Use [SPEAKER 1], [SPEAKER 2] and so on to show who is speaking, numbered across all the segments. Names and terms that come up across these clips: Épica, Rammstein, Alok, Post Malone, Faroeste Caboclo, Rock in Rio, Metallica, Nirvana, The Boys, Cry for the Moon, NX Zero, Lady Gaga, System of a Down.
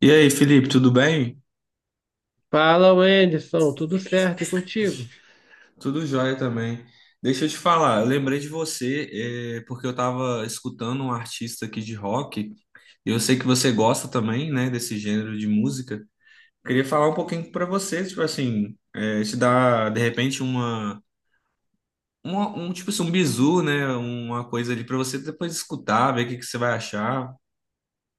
[SPEAKER 1] E aí, Felipe, tudo bem?
[SPEAKER 2] Fala, Wenderson, tudo certo e contigo?
[SPEAKER 1] Tudo jóia também. Deixa eu te falar, eu lembrei de você, porque eu estava escutando um artista aqui de rock, e eu sei que você gosta também, né, desse gênero de música. Queria falar um pouquinho para você, tipo assim, te dar, de repente, tipo assim, um bizu, né, uma coisa ali para você depois escutar, ver o que que você vai achar.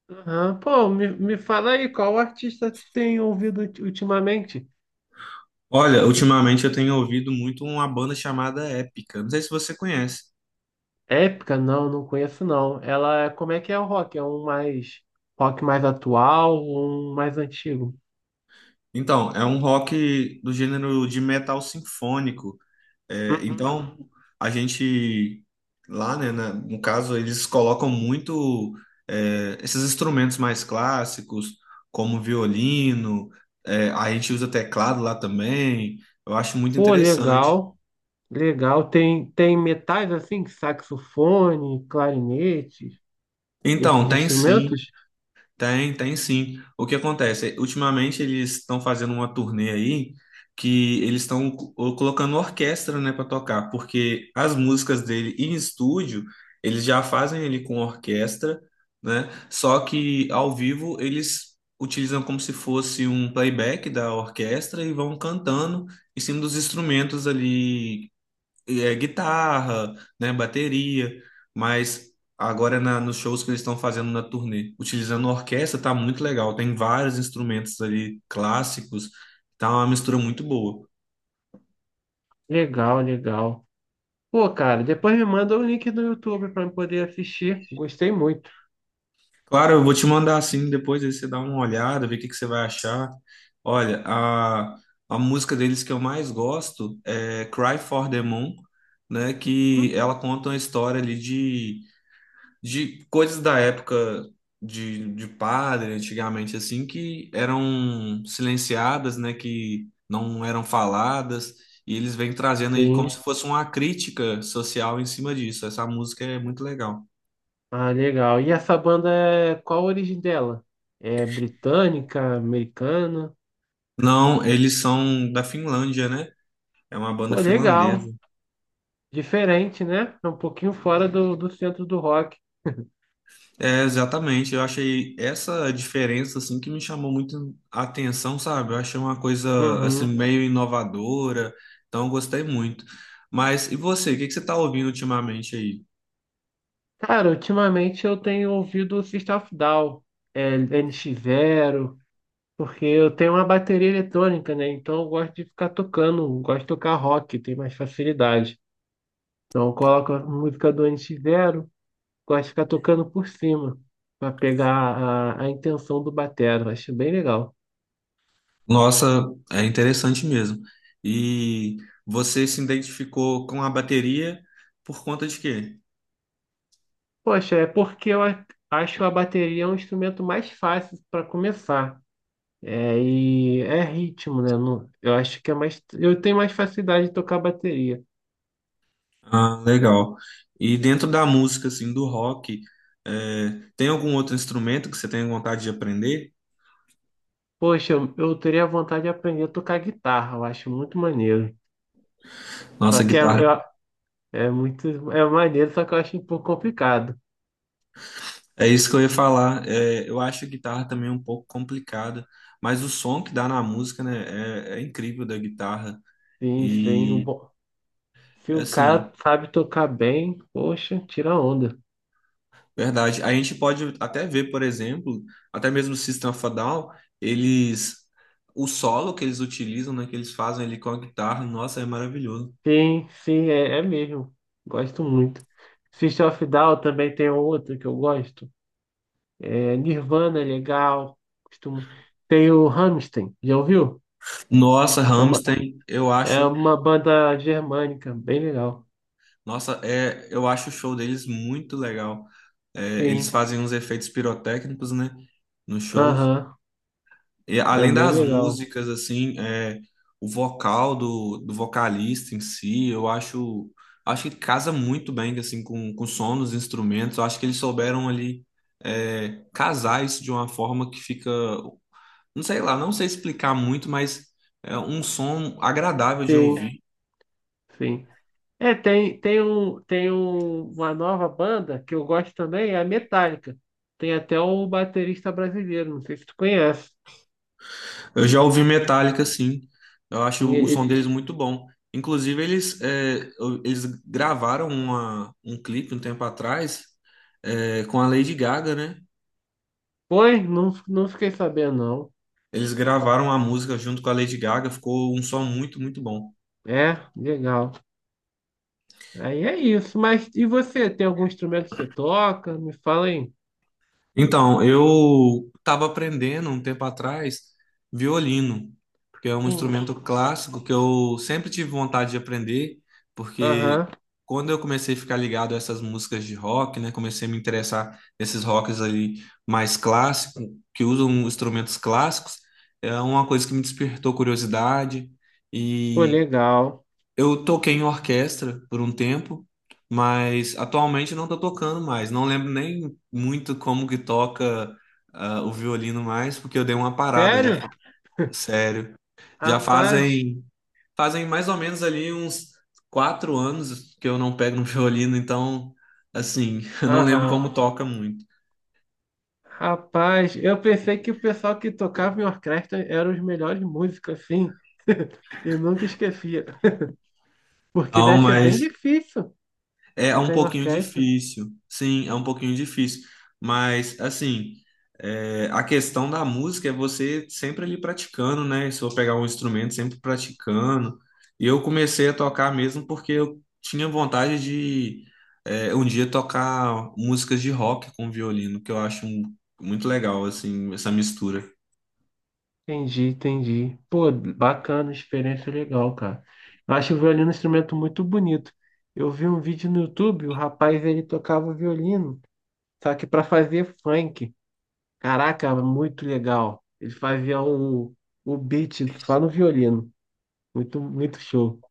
[SPEAKER 2] Aham. Pô, me fala aí, qual artista tu tem ouvido ultimamente?
[SPEAKER 1] Olha, ultimamente eu tenho ouvido muito uma banda chamada Épica, não sei se você conhece.
[SPEAKER 2] Épica? Não, conheço não. Ela, como é que é o rock? É um mais rock mais atual ou um mais antigo?
[SPEAKER 1] Então, é um rock do gênero de metal sinfônico.
[SPEAKER 2] Uhum.
[SPEAKER 1] Então, a gente lá, né, no caso, eles colocam muito esses instrumentos mais clássicos, como violino, a gente usa teclado lá também. Eu acho muito
[SPEAKER 2] Pô,
[SPEAKER 1] interessante.
[SPEAKER 2] legal, legal. Tem metais assim, saxofone, clarinete,
[SPEAKER 1] Então,
[SPEAKER 2] esses
[SPEAKER 1] tem sim.
[SPEAKER 2] instrumentos?
[SPEAKER 1] Tem sim. O que acontece? Ultimamente eles estão fazendo uma turnê aí que eles estão colocando orquestra, né, para tocar, porque as músicas dele em estúdio eles já fazem ele com orquestra, né? Só que ao vivo eles utilizam como se fosse um playback da orquestra e vão cantando em cima dos instrumentos ali e é guitarra, né, bateria, mas agora nos shows que eles estão fazendo na turnê, utilizando orquestra, tá muito legal. Tem vários instrumentos ali clássicos, tá uma mistura muito boa.
[SPEAKER 2] Legal, legal. Pô, cara, depois me manda o link do YouTube para eu poder assistir. Gostei muito.
[SPEAKER 1] Claro, eu vou te mandar assim depois, aí você dá uma olhada, ver o que que você vai achar. Olha, a música deles que eu mais gosto é Cry for the Moon, né, que ela conta uma história ali de coisas da época de padre, antigamente, assim, que eram silenciadas, né, que não eram faladas, e eles vêm trazendo aí como se
[SPEAKER 2] Sim.
[SPEAKER 1] fosse uma crítica social em cima disso. Essa música é muito legal.
[SPEAKER 2] Ah, legal. E essa banda é qual a origem dela? É britânica, americana?
[SPEAKER 1] Não, eles são da Finlândia, né? É uma banda
[SPEAKER 2] Pô, legal.
[SPEAKER 1] finlandesa.
[SPEAKER 2] Diferente, né? É um pouquinho fora do centro do rock.
[SPEAKER 1] É, exatamente. Eu achei essa diferença assim que me chamou muito a atenção, sabe? Eu achei uma coisa assim
[SPEAKER 2] Uhum.
[SPEAKER 1] meio inovadora, então eu gostei muito. Mas e você, o que que você está ouvindo ultimamente aí?
[SPEAKER 2] Cara, ultimamente eu tenho ouvido o System of a Down, NX Zero, porque eu tenho uma bateria eletrônica, né? Então eu gosto de ficar tocando, gosto de tocar rock, tem mais facilidade. Então eu coloco a música do NX. Gosto de ficar tocando por cima, para pegar a intenção do batero. Acho bem legal.
[SPEAKER 1] Nossa, é interessante mesmo. E você se identificou com a bateria por conta de quê?
[SPEAKER 2] Poxa, é porque acho a bateria um instrumento mais fácil para começar. É, e é ritmo, né? Eu acho que é mais. Eu tenho mais facilidade de tocar bateria.
[SPEAKER 1] Ah, legal. E dentro da música assim do rock, é, tem algum outro instrumento que você tem vontade de aprender?
[SPEAKER 2] Poxa, eu teria vontade de aprender a tocar guitarra, eu acho muito maneiro. Só
[SPEAKER 1] Nossa,
[SPEAKER 2] que
[SPEAKER 1] guitarra.
[SPEAKER 2] é muito. É maneiro, só que eu acho um pouco complicado.
[SPEAKER 1] É isso que eu ia falar. É, eu acho a guitarra também um pouco complicada, mas o som que dá na música, né, é incrível da guitarra.
[SPEAKER 2] Sim, sim.
[SPEAKER 1] E,
[SPEAKER 2] Se o cara
[SPEAKER 1] assim,
[SPEAKER 2] sabe tocar bem, poxa, tira onda.
[SPEAKER 1] verdade. A gente pode até ver, por exemplo, até mesmo o System of a Down, eles. O solo que eles utilizam, né, que eles fazem ali com a guitarra, nossa, é maravilhoso.
[SPEAKER 2] Sim, sim, é mesmo. Gosto muito. System of a Down também tem outra que eu gosto. É, Nirvana é legal. Costumo... Tem o Rammstein, já ouviu?
[SPEAKER 1] Nossa,
[SPEAKER 2] É uma,
[SPEAKER 1] Rammstein, eu
[SPEAKER 2] é
[SPEAKER 1] acho,
[SPEAKER 2] uma banda germânica, bem legal.
[SPEAKER 1] nossa, eu acho o show deles muito legal. É, eles
[SPEAKER 2] Sim,
[SPEAKER 1] fazem uns efeitos pirotécnicos, né, nos shows.
[SPEAKER 2] aham,
[SPEAKER 1] E
[SPEAKER 2] é
[SPEAKER 1] além
[SPEAKER 2] bem
[SPEAKER 1] das
[SPEAKER 2] legal.
[SPEAKER 1] músicas, assim, o vocal do vocalista em si, eu acho, que casa muito bem, assim, com o som dos instrumentos. Eu acho que eles souberam ali, casar isso de uma forma que fica, não sei lá, não sei explicar muito, mas é um som agradável de
[SPEAKER 2] Sim,
[SPEAKER 1] ouvir.
[SPEAKER 2] sim. É, uma nova banda que eu gosto também, é a Metallica. Tem até o baterista brasileiro, não sei se tu conhece.
[SPEAKER 1] Eu já ouvi Metallica, sim. Eu acho
[SPEAKER 2] Sim,
[SPEAKER 1] o som deles muito bom. Inclusive, eles gravaram um clipe um tempo atrás, com a Lady Gaga, né?
[SPEAKER 2] Oi, não, não fiquei sabendo, não.
[SPEAKER 1] Eles gravaram a música junto com a Lady Gaga, ficou um som muito, muito bom.
[SPEAKER 2] É, legal. Aí é isso. Mas e você? Tem algum instrumento que você toca? Me fala aí.
[SPEAKER 1] Então, eu estava aprendendo um tempo atrás violino, porque é um
[SPEAKER 2] Sim.
[SPEAKER 1] instrumento clássico que eu sempre tive vontade de aprender, porque
[SPEAKER 2] Aham.
[SPEAKER 1] quando eu comecei a ficar ligado a essas músicas de rock, né, comecei a me interessar nesses rocks ali mais clássicos, que usam instrumentos clássicos, é uma coisa que me despertou curiosidade.
[SPEAKER 2] Pô, legal.
[SPEAKER 1] Eu toquei em orquestra por um tempo, mas atualmente não tô tocando mais. Não lembro nem muito como que toca o violino mais, porque eu dei uma parada já,
[SPEAKER 2] Sério?
[SPEAKER 1] sério. Já
[SPEAKER 2] Rapaz.
[SPEAKER 1] fazem mais ou menos ali uns 4 anos que eu não pego no violino, então assim, eu não lembro
[SPEAKER 2] Aham.
[SPEAKER 1] como toca muito.
[SPEAKER 2] Rapaz, eu pensei que o pessoal que tocava em orquestra eram os melhores músicos, assim. E nunca esquecia. Porque
[SPEAKER 1] Não,
[SPEAKER 2] deve ser bem
[SPEAKER 1] mas
[SPEAKER 2] difícil
[SPEAKER 1] é um
[SPEAKER 2] tocar em
[SPEAKER 1] pouquinho
[SPEAKER 2] orquestra.
[SPEAKER 1] difícil, sim, é um pouquinho difícil, mas assim, a questão da música é você sempre ali praticando, né? Se eu pegar um instrumento, sempre praticando. E eu comecei a tocar mesmo porque eu tinha vontade de um dia tocar músicas de rock com violino, que eu acho muito legal, assim, essa mistura.
[SPEAKER 2] Entendi, entendi. Pô, bacana, experiência legal, cara. Eu acho o violino um instrumento muito bonito. Eu vi um vídeo no YouTube, o rapaz ele tocava violino, só que para fazer funk. Caraca, muito legal. Ele fazia o beat só no violino. Muito, muito show.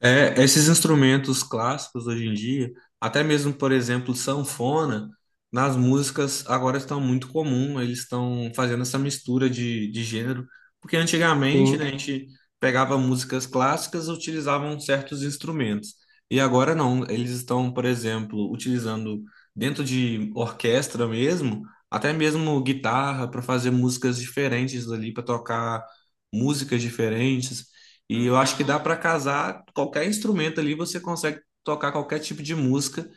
[SPEAKER 1] É, esses instrumentos clássicos hoje em dia, até mesmo, por exemplo, sanfona, nas músicas agora estão muito comum, eles estão fazendo essa mistura de gênero, porque antigamente, né, a
[SPEAKER 2] Sim.
[SPEAKER 1] gente pegava músicas clássicas e utilizavam certos instrumentos, e agora não, eles estão, por exemplo, utilizando dentro de orquestra mesmo, até mesmo guitarra para fazer músicas diferentes ali, para tocar músicas diferentes, e eu acho que
[SPEAKER 2] Aham.
[SPEAKER 1] dá para casar qualquer instrumento ali, você consegue tocar qualquer tipo de música.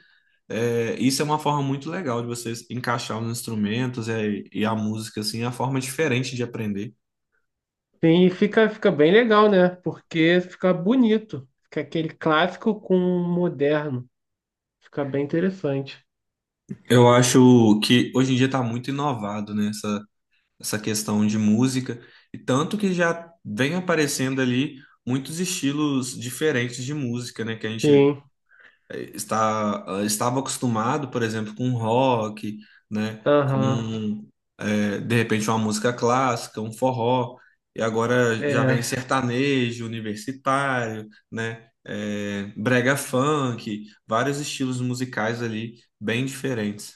[SPEAKER 1] É, isso é uma forma muito legal de você encaixar os instrumentos e a música, assim, é a forma diferente de aprender.
[SPEAKER 2] Sim, e fica bem legal, né? Porque fica bonito. Fica aquele clássico com o moderno. Fica bem interessante.
[SPEAKER 1] Eu acho que hoje em dia está muito inovado, né, essa questão de música, e tanto que já vem aparecendo ali muitos estilos diferentes de música, né, que a gente
[SPEAKER 2] Sim.
[SPEAKER 1] estava acostumado, por exemplo, com rock, né?
[SPEAKER 2] Aham.
[SPEAKER 1] De repente, uma música clássica, um forró, e agora já vem
[SPEAKER 2] É.
[SPEAKER 1] sertanejo, universitário, né? Brega funk, vários estilos musicais ali bem diferentes.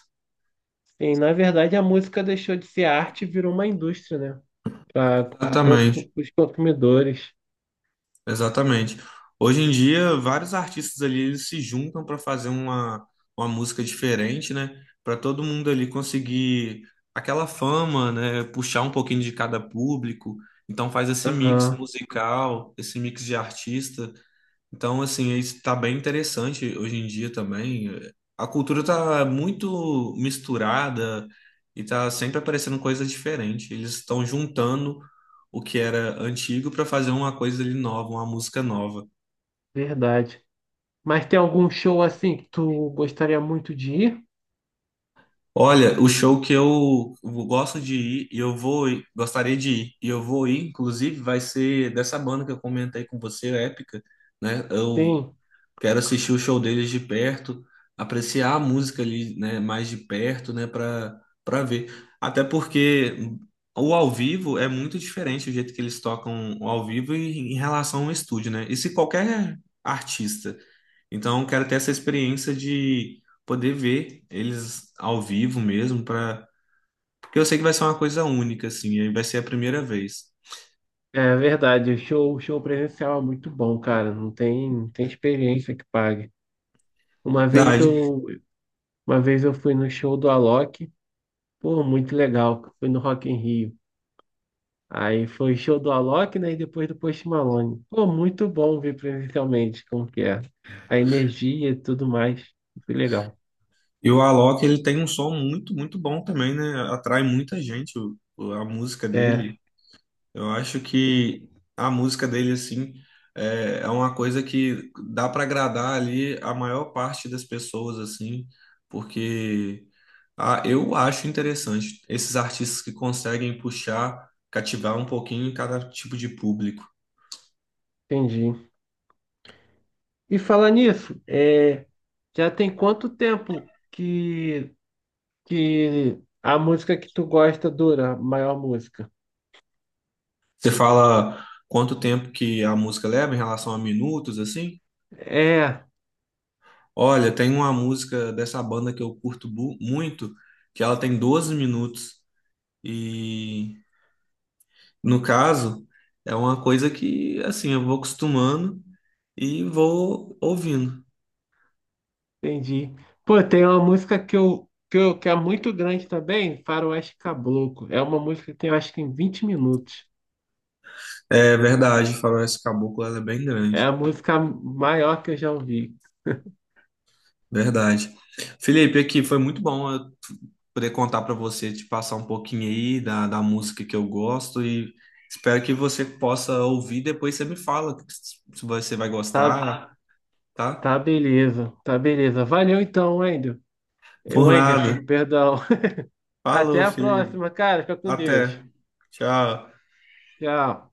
[SPEAKER 2] Sim, na verdade, a música deixou de ser arte e virou uma indústria, né? Para os
[SPEAKER 1] Exatamente.
[SPEAKER 2] consumidores.
[SPEAKER 1] Exatamente. Hoje em dia, vários artistas ali eles se juntam para fazer uma música diferente, né? Para todo mundo ali conseguir aquela fama, né? Puxar um pouquinho de cada público. Então faz esse mix
[SPEAKER 2] Aham,
[SPEAKER 1] musical, esse mix de artista. Então, assim, isso tá bem interessante hoje em dia também. A cultura tá muito misturada e tá sempre aparecendo coisas diferentes. Eles estão juntando o que era antigo para fazer uma coisa ali nova, uma música nova.
[SPEAKER 2] verdade. Mas tem algum show assim que tu gostaria muito de ir?
[SPEAKER 1] Olha, o show que eu gosto de ir e eu vou ir, gostaria de ir e eu vou ir, inclusive, vai ser dessa banda que eu comentei com você, Épica, né? Eu
[SPEAKER 2] Sim,
[SPEAKER 1] quero assistir o show deles de perto, apreciar a música ali, né, mais de perto, né, para ver. Até porque o ao vivo é muito diferente o jeito que eles tocam o ao vivo em relação ao estúdio, né? E se qualquer artista. Então, quero ter essa experiência de poder ver eles ao vivo mesmo para porque eu sei que vai ser uma coisa única assim, e vai ser a primeira vez.
[SPEAKER 2] é verdade. O show presencial é muito bom, cara. Não tem experiência que pague. Uma vez
[SPEAKER 1] Verdade.
[SPEAKER 2] eu, uma vez eu fui no show do Alok. Pô, muito legal. Fui no Rock in Rio. Aí foi show do Alok, né? E depois do Post Malone. Pô, muito bom ver presencialmente como que é. A energia e tudo mais. Que legal.
[SPEAKER 1] E o Alok, ele tem um som muito, muito bom também, né? Atrai muita gente a música
[SPEAKER 2] É,
[SPEAKER 1] dele. Eu acho que a música dele, assim, é uma coisa que dá para agradar ali a maior parte das pessoas, assim, porque eu acho interessante esses artistas que conseguem puxar, cativar um pouquinho em cada tipo de público.
[SPEAKER 2] entendi. E falar nisso, já tem quanto tempo que a música que tu gosta dura, a maior música?
[SPEAKER 1] Você fala quanto tempo que a música leva em relação a minutos, assim?
[SPEAKER 2] É,
[SPEAKER 1] Olha, tem uma música dessa banda que eu curto muito, que ela tem 12 minutos. E, no caso, é uma coisa que, assim, eu vou acostumando e vou ouvindo.
[SPEAKER 2] entendi. Pô, tem uma música que é muito grande também, Faroeste Caboclo. É uma música que tem, eu acho que em 20 minutos.
[SPEAKER 1] É verdade, Faroeste Caboclo, ela é bem
[SPEAKER 2] É
[SPEAKER 1] grande.
[SPEAKER 2] a música maior que eu já ouvi.
[SPEAKER 1] Verdade. Felipe, aqui foi muito bom eu poder contar para você, te passar um pouquinho aí da música que eu gosto e espero que você possa ouvir. Depois você me fala se você vai
[SPEAKER 2] Tá,
[SPEAKER 1] gostar, tá?
[SPEAKER 2] tá beleza, tá beleza. Valeu então, Wendel. Eh,
[SPEAKER 1] Por
[SPEAKER 2] Wenderson,
[SPEAKER 1] nada.
[SPEAKER 2] perdão. Até
[SPEAKER 1] Falou,
[SPEAKER 2] a
[SPEAKER 1] Felipe.
[SPEAKER 2] próxima, cara. Fica com Deus.
[SPEAKER 1] Até. Tchau.
[SPEAKER 2] Tchau.